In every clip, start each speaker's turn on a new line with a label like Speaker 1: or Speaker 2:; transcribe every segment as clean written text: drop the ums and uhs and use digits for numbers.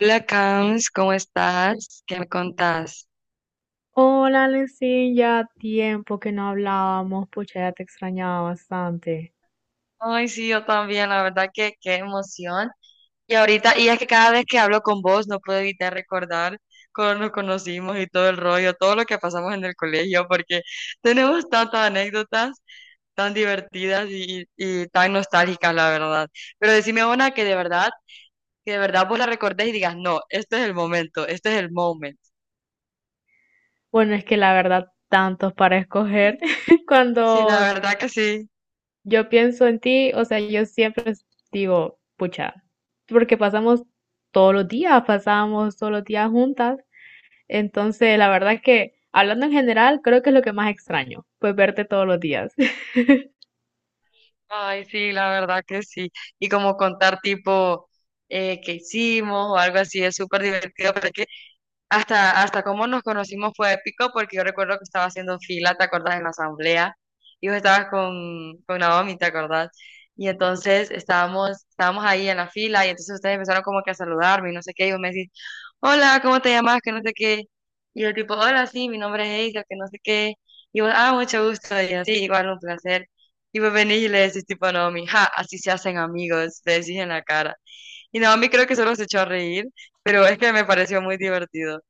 Speaker 1: Hola, Cams, ¿cómo estás? ¿Qué me contás?
Speaker 2: Hola, Lencin, ya tiempo que no hablábamos, pucha, ya te extrañaba bastante.
Speaker 1: Ay, sí, yo también, la verdad que qué emoción. Y ahorita, y es que cada vez que hablo con vos no puedo evitar recordar cuando nos conocimos y todo el rollo, todo lo que pasamos en el colegio, porque tenemos tantas anécdotas tan divertidas y tan nostálgicas, la verdad. Pero decime una que de verdad vos la recordés y digas, no, este es el momento, este es el moment.
Speaker 2: Bueno, es que la verdad, tantos para escoger.
Speaker 1: Sí,
Speaker 2: Cuando
Speaker 1: la verdad que sí.
Speaker 2: yo pienso en ti, o sea, yo siempre digo, pucha, porque pasamos todos los días, pasábamos todos los días juntas. Entonces, la verdad que, hablando en general, creo que es lo que más extraño, pues verte todos los días.
Speaker 1: Ay, sí, la verdad que sí. Y como contar tipo qué hicimos o algo así es súper divertido, hasta cómo nos conocimos fue épico porque yo recuerdo que estaba haciendo fila, ¿te acordás? En la asamblea y vos estabas con Naomi, ¿te acordás? Y entonces estábamos ahí en la fila y entonces ustedes empezaron como que a saludarme y no sé qué, y vos me decís, hola, ¿cómo te llamas? Que no sé qué. Y yo tipo, hola, sí, mi nombre es Eisa, que no sé qué. Y vos, ah, mucho gusto. Y así, igual, un placer. Y vos venís y le decís tipo a Naomi, ja, así se hacen amigos, le decís en la cara. Y Naomi creo que solo se echó a reír, pero es que me pareció muy divertido.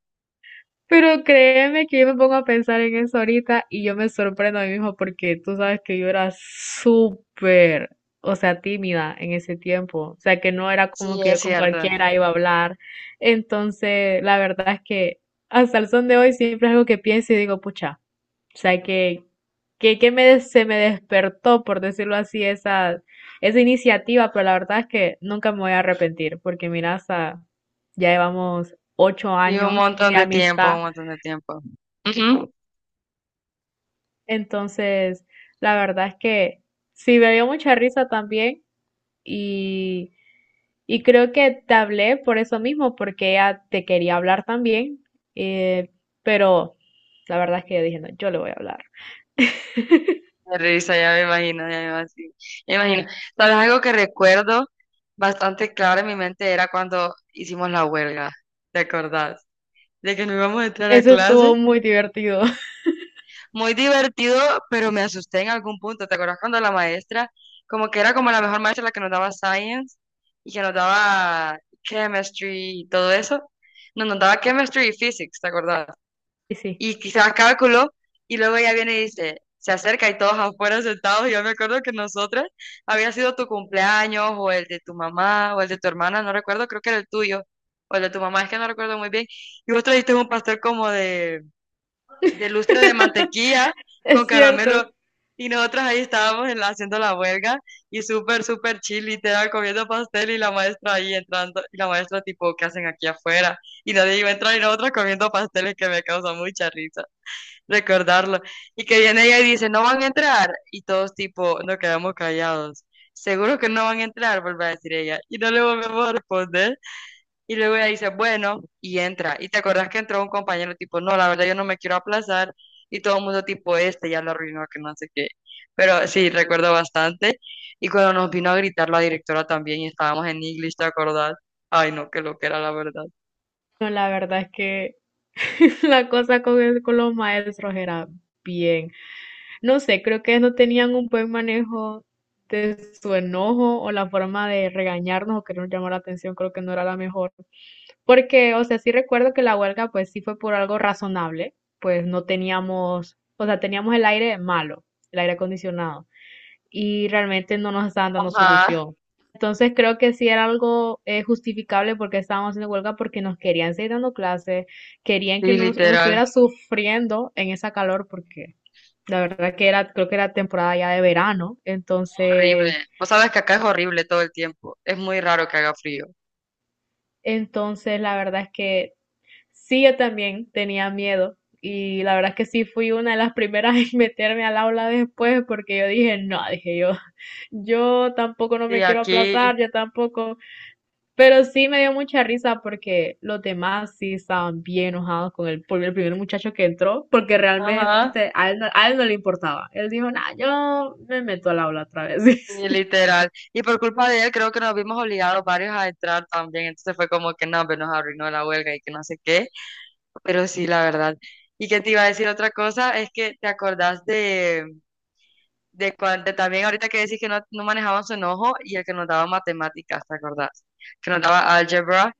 Speaker 2: Pero créeme que yo me pongo a pensar en eso ahorita y yo me sorprendo a mí mismo porque tú sabes que yo era súper, o sea, tímida en ese tiempo. O sea, que no era como
Speaker 1: Sí,
Speaker 2: que
Speaker 1: es
Speaker 2: yo con
Speaker 1: cierto.
Speaker 2: cualquiera iba a hablar. Entonces, la verdad es que hasta el son de hoy siempre es algo que pienso y digo, pucha, o sea, que me, se me despertó, por decirlo así, esa iniciativa, pero la verdad es que nunca me voy a arrepentir porque mira, hasta ya llevamos ocho
Speaker 1: Y un
Speaker 2: años
Speaker 1: montón
Speaker 2: de
Speaker 1: de tiempo,
Speaker 2: amistad.
Speaker 1: un montón de tiempo. Ujú.
Speaker 2: Entonces, la verdad es que sí me dio mucha risa también y, y creo que te hablé por eso mismo, porque ella te quería hablar también, eh, pero la verdad es que yo dije, no, yo le voy a hablar.
Speaker 1: Me risa, ya me imagino, ya me imagino. Sí, me imagino. ¿Sabes algo que recuerdo bastante claro en mi mente era cuando hicimos la huelga? ¿Te acordás? De que no íbamos a entrar a
Speaker 2: Eso
Speaker 1: clase.
Speaker 2: estuvo muy divertido.
Speaker 1: Muy divertido, pero me asusté en algún punto. ¿Te acordás cuando la maestra, como que era como la mejor maestra, la que nos daba science y que nos daba chemistry y todo eso? No, nos daba chemistry y physics, ¿te acordás?
Speaker 2: Y sí,
Speaker 1: Y quizás cálculo, y luego ella viene y dice, se acerca y todos afuera sentados, y yo me acuerdo que nosotras había sido tu cumpleaños, o el de tu mamá, o el de tu hermana, no recuerdo, creo que era el tuyo, o el de tu mamá, es que no recuerdo muy bien, y vos trajiste un pastel como de lustre de mantequilla con
Speaker 2: es cierto.
Speaker 1: caramelo, y nosotras ahí estábamos en la- haciendo la huelga, y súper, súper chill, literal, comiendo pastel, y la maestra ahí entrando, y la maestra tipo, ¿qué hacen aquí afuera? Y nadie iba a entrar, y nosotras comiendo pasteles que me causa mucha risa recordarlo. Y que viene ella y dice, no van a entrar. Y todos tipo, nos quedamos callados. Seguro que no van a entrar, vuelve a decir ella. Y no le volvemos a responder. Y luego ella dice, bueno, y entra. Y te acordás que entró un compañero tipo, no, la verdad yo no me quiero aplazar. Y todo el mundo tipo, este ya lo arruinó, que no sé qué. Pero sí, recuerdo bastante. Y cuando nos vino a gritar la directora también y estábamos en English, ¿te acordás? Ay, no, que lo que era la verdad.
Speaker 2: No, la verdad es que la cosa con los maestros era bien. No sé, creo que no tenían un buen manejo de su enojo o la forma de regañarnos o querernos llamar la atención, creo que no era la mejor. Porque, o sea, sí recuerdo que la huelga pues sí fue por algo razonable, pues no teníamos, o sea, teníamos el aire malo, el aire acondicionado, y realmente no nos estaban dando
Speaker 1: Ajá,
Speaker 2: solución. Entonces creo que sí era algo justificable porque estábamos haciendo huelga porque nos querían seguir dando clases, querían
Speaker 1: sí,
Speaker 2: que uno
Speaker 1: literal.
Speaker 2: estuviera sufriendo en esa calor porque la verdad que era, creo que era temporada ya de verano,
Speaker 1: Horrible.
Speaker 2: entonces,
Speaker 1: Vos sabes que acá es horrible todo el tiempo. Es muy raro que haga frío.
Speaker 2: entonces la verdad es que sí, yo también tenía miedo y la verdad es que sí fui una de las primeras en meterme al aula después porque yo dije, no, dije yo, yo tampoco no
Speaker 1: Sí,
Speaker 2: me quiero
Speaker 1: aquí,
Speaker 2: aplazar, yo tampoco, pero sí me dio mucha risa porque los demás sí estaban bien enojados con por el primer muchacho que entró porque
Speaker 1: ajá,
Speaker 2: realmente a él no le importaba, él dijo, no, yo me meto al aula otra
Speaker 1: sí,
Speaker 2: vez.
Speaker 1: literal. Y por culpa de él, creo que nos vimos obligados varios a entrar también. Entonces fue como que no, pues nos arruinó la huelga y que no sé qué. Pero sí, la verdad. Y que te iba a decir otra cosa, es que te acordás de cuando también ahorita que decís que no manejaban su enojo y el que nos daba matemáticas, ¿te acordás? Que nos daba álgebra.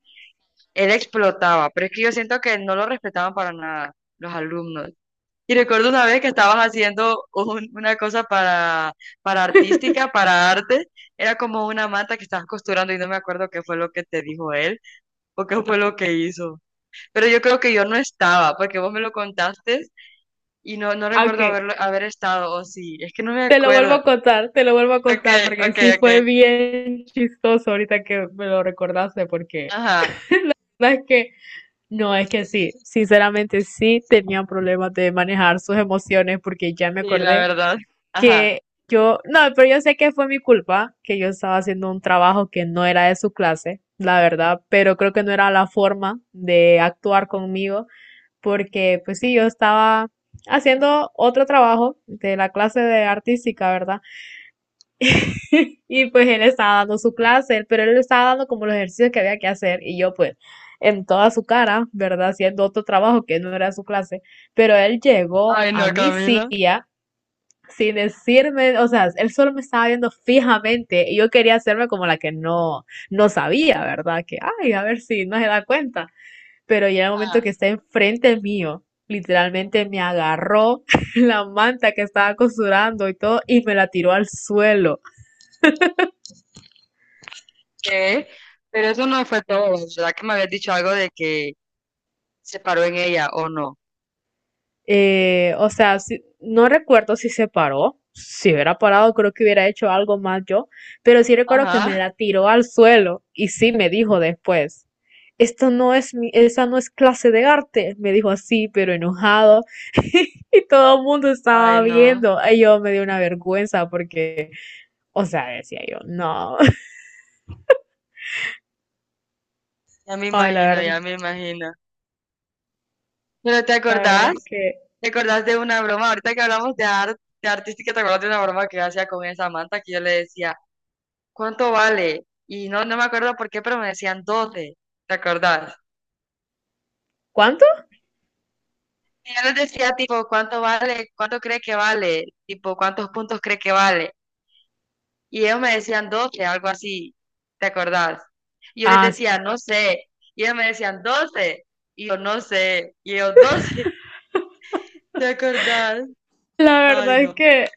Speaker 1: Él explotaba, pero es que yo siento que no lo respetaban para nada los alumnos. Y recuerdo una vez que estabas haciendo un- una cosa para artística, para arte. Era como una manta que estabas costurando y no me acuerdo qué fue lo que te dijo él o qué fue lo que hizo. Pero yo creo que yo no estaba porque vos me lo contaste no
Speaker 2: Ok,
Speaker 1: recuerdo haberlo, haber estado o sí. Es que no me
Speaker 2: te lo vuelvo
Speaker 1: acuerdo.
Speaker 2: a contar, te lo vuelvo a
Speaker 1: Ok,
Speaker 2: contar, porque
Speaker 1: ok,
Speaker 2: sí
Speaker 1: ok.
Speaker 2: fue bien chistoso ahorita que me lo recordaste, porque
Speaker 1: Ajá.
Speaker 2: sabes que no, es que sí, sinceramente sí tenía problemas de manejar sus emociones, porque ya me
Speaker 1: Sí, la
Speaker 2: acordé
Speaker 1: verdad. Ajá.
Speaker 2: que yo, no, pero yo sé que fue mi culpa, que yo estaba haciendo un trabajo que no era de su clase, la verdad, pero creo que no era la forma de actuar conmigo, porque pues sí, yo estaba haciendo otro trabajo de la clase de artística, ¿verdad? Y pues él estaba dando su clase, pero él estaba dando como los ejercicios que había que hacer y yo pues en toda su cara, ¿verdad? Haciendo otro trabajo que no era su clase, pero él llegó
Speaker 1: Ay,
Speaker 2: a
Speaker 1: no,
Speaker 2: mi
Speaker 1: Camila.
Speaker 2: silla sin decirme, o sea, él solo me estaba viendo fijamente y yo quería hacerme como la que no, no sabía, ¿verdad? Que, ay, a ver si no se da cuenta, pero ya en el momento
Speaker 1: Ajá.
Speaker 2: que está enfrente mío, literalmente me agarró la manta que estaba costurando y todo y me la tiró al suelo.
Speaker 1: ¿Qué? Pero eso no fue todo. Verdad que me habías dicho algo de que se paró en ella o no.
Speaker 2: O sea, no recuerdo si se paró. Si hubiera parado, creo que hubiera hecho algo más yo. Pero sí recuerdo que me
Speaker 1: Ajá.
Speaker 2: la tiró al suelo y sí me dijo después. Esto no es mi, esa no es clase de arte, me dijo así, pero enojado. Y todo el mundo estaba
Speaker 1: Ay, no,
Speaker 2: viendo. Y yo me dio una vergüenza porque, o sea, decía yo, no.
Speaker 1: ya me
Speaker 2: Ay,
Speaker 1: imagino, ya me imagino. Pero ¿te
Speaker 2: la verdad es
Speaker 1: acordás?
Speaker 2: que.
Speaker 1: ¿Te acordás de una broma? Ahorita que hablamos de arte, de artística, ¿te acordás de una broma que yo hacía con esa manta que yo le decía, ¿cuánto vale? Y no, no me acuerdo por qué, pero me decían doce. ¿Te acordás?
Speaker 2: ¿Cuánto?
Speaker 1: Y yo les decía, tipo, ¿cuánto vale? ¿Cuánto cree que vale? Tipo, ¿cuántos puntos cree que vale? Y ellos me decían 12, algo así. ¿Te acordás? Y yo les
Speaker 2: Ah, sí.
Speaker 1: decía, no sé. Y ellos me decían 12. Y yo, no sé. Y ellos, 12. ¿Te acordás?
Speaker 2: La
Speaker 1: Ay,
Speaker 2: verdad es
Speaker 1: no.
Speaker 2: que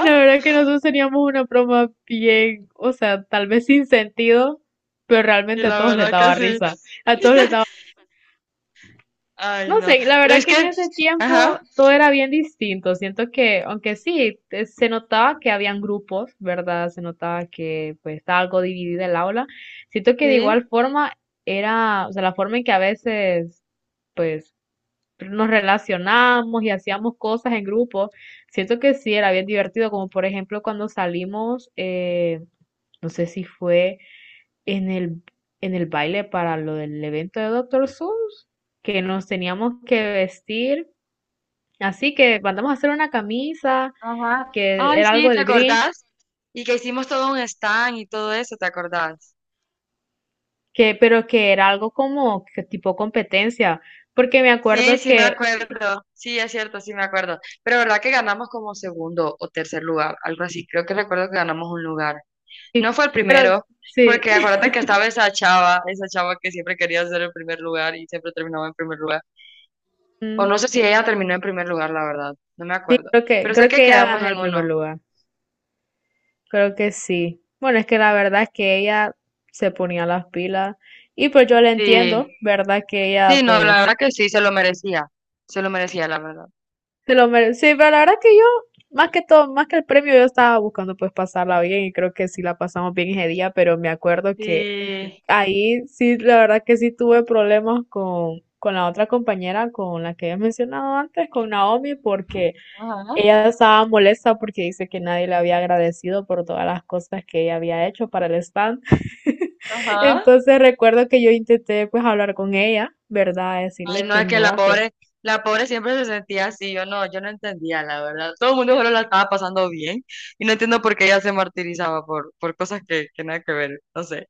Speaker 2: la verdad que nosotros teníamos una broma bien, o sea, tal vez sin sentido, pero
Speaker 1: Y
Speaker 2: realmente a
Speaker 1: la
Speaker 2: todos les
Speaker 1: verdad que
Speaker 2: daba
Speaker 1: sí.
Speaker 2: risa. A todos les daba,
Speaker 1: Ay,
Speaker 2: no
Speaker 1: no.
Speaker 2: sé, la
Speaker 1: Pero
Speaker 2: verdad
Speaker 1: es
Speaker 2: que en
Speaker 1: que,
Speaker 2: ese tiempo
Speaker 1: ajá,
Speaker 2: todo era bien distinto. Siento que, aunque sí, se notaba que habían grupos, ¿verdad? Se notaba que pues estaba algo dividida el aula. Siento que de igual
Speaker 1: sí,
Speaker 2: forma era, o sea, la forma en que a veces pues nos relacionábamos y hacíamos cosas en grupo. Siento que sí, era bien divertido, como por ejemplo cuando salimos, no sé si fue en el, en el baile para lo del evento de Doctor Seuss, que nos teníamos que vestir. Así que mandamos a hacer una camisa,
Speaker 1: ajá.
Speaker 2: que
Speaker 1: Ay,
Speaker 2: era algo
Speaker 1: sí, ¿te
Speaker 2: del Grinch,
Speaker 1: acordás? Y que hicimos todo un stand y todo eso, ¿te acordás?
Speaker 2: que, pero que era algo como que tipo competencia, porque me
Speaker 1: Sí,
Speaker 2: acuerdo
Speaker 1: sí me
Speaker 2: que,
Speaker 1: acuerdo. Sí, es cierto, sí me acuerdo. Pero verdad que ganamos como segundo o tercer lugar, algo así. Creo que recuerdo que ganamos un lugar. No fue el
Speaker 2: pero
Speaker 1: primero,
Speaker 2: sí,
Speaker 1: porque acuérdate que estaba esa chava que siempre quería ser el primer lugar y siempre terminaba en primer lugar. O no sé si ella terminó en primer lugar, la verdad. No me acuerdo. Pero sé
Speaker 2: creo
Speaker 1: que
Speaker 2: que ella
Speaker 1: quedamos
Speaker 2: ganó
Speaker 1: en
Speaker 2: el primer
Speaker 1: uno.
Speaker 2: lugar. Creo que sí. Bueno, es que la verdad es que ella se ponía las pilas y pues yo la entiendo,
Speaker 1: Sí.
Speaker 2: ¿verdad? Que
Speaker 1: Sí,
Speaker 2: ella
Speaker 1: no, la
Speaker 2: pues
Speaker 1: verdad que sí, se lo merecía. Se lo merecía, la verdad.
Speaker 2: se lo merece. Sí, pero la verdad que yo, más que todo, más que el premio, yo estaba buscando pues pasarla bien y creo que sí la pasamos bien ese día, pero me acuerdo que
Speaker 1: Sí.
Speaker 2: ahí sí, la verdad que sí tuve problemas con la otra compañera, con la que había mencionado antes, con Naomi, porque
Speaker 1: Ajá,
Speaker 2: ella estaba molesta porque dice que nadie le había agradecido por todas las cosas que ella había hecho para el stand.
Speaker 1: ajá.
Speaker 2: Entonces recuerdo que yo intenté pues hablar con ella, ¿verdad?
Speaker 1: Ay,
Speaker 2: Decirle
Speaker 1: no, es que
Speaker 2: que
Speaker 1: la pobre siempre se sentía así. Yo no, yo no entendía, la verdad. Todo el mundo solo la estaba pasando bien. Y no entiendo por qué ella se martirizaba por cosas que nada que ver. No sé.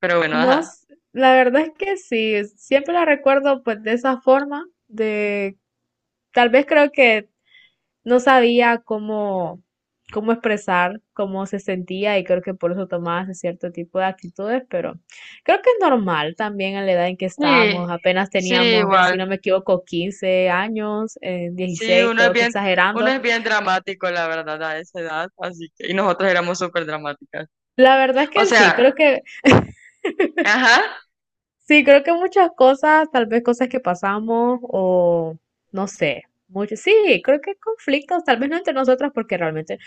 Speaker 1: Pero bueno,
Speaker 2: no,
Speaker 1: ajá.
Speaker 2: la verdad es que sí, siempre la recuerdo pues de esa forma, de tal vez creo que no sabía cómo expresar cómo se sentía y creo que por eso tomaba ese cierto tipo de actitudes, pero creo que es normal también a la edad en que estábamos,
Speaker 1: Sí.
Speaker 2: apenas
Speaker 1: Sí,
Speaker 2: teníamos, si no
Speaker 1: igual.
Speaker 2: me equivoco, 15 años,
Speaker 1: Sí,
Speaker 2: 16
Speaker 1: uno es
Speaker 2: creo que
Speaker 1: bien, uno
Speaker 2: exagerando.
Speaker 1: es bien dramático, la verdad, a esa edad, así que, y nosotros éramos súper dramáticas.
Speaker 2: La verdad es
Speaker 1: O
Speaker 2: que sí, creo
Speaker 1: sea,
Speaker 2: que
Speaker 1: ajá,
Speaker 2: sí, creo que muchas cosas, tal vez cosas que pasamos o no sé, mucho, sí, creo que conflictos, tal vez no entre nosotras porque realmente,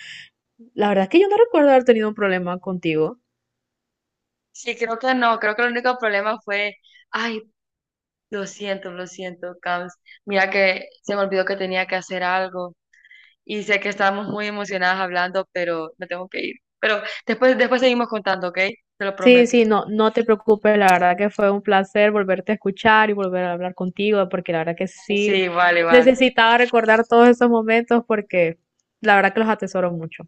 Speaker 2: la verdad es que yo no recuerdo haber tenido un problema contigo.
Speaker 1: sí, creo que no, creo que el único problema fue, ay, lo siento, Cams, mira que se me olvidó que tenía que hacer algo, y sé que estábamos muy emocionadas hablando, pero me tengo que ir. Pero después seguimos contando, ¿ok? Te lo
Speaker 2: Sí,
Speaker 1: prometo.
Speaker 2: sí, no, no te preocupes, la verdad que fue un placer volverte a escuchar y volver a hablar contigo porque la verdad que sí
Speaker 1: Sí, vale, vale.
Speaker 2: necesitaba recordar todos esos momentos porque la verdad que los atesoro mucho.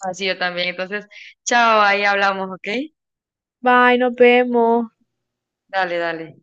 Speaker 1: Así yo también. Entonces, chao, ahí hablamos, ¿ok?
Speaker 2: Bye, nos vemos.
Speaker 1: Dale, dale.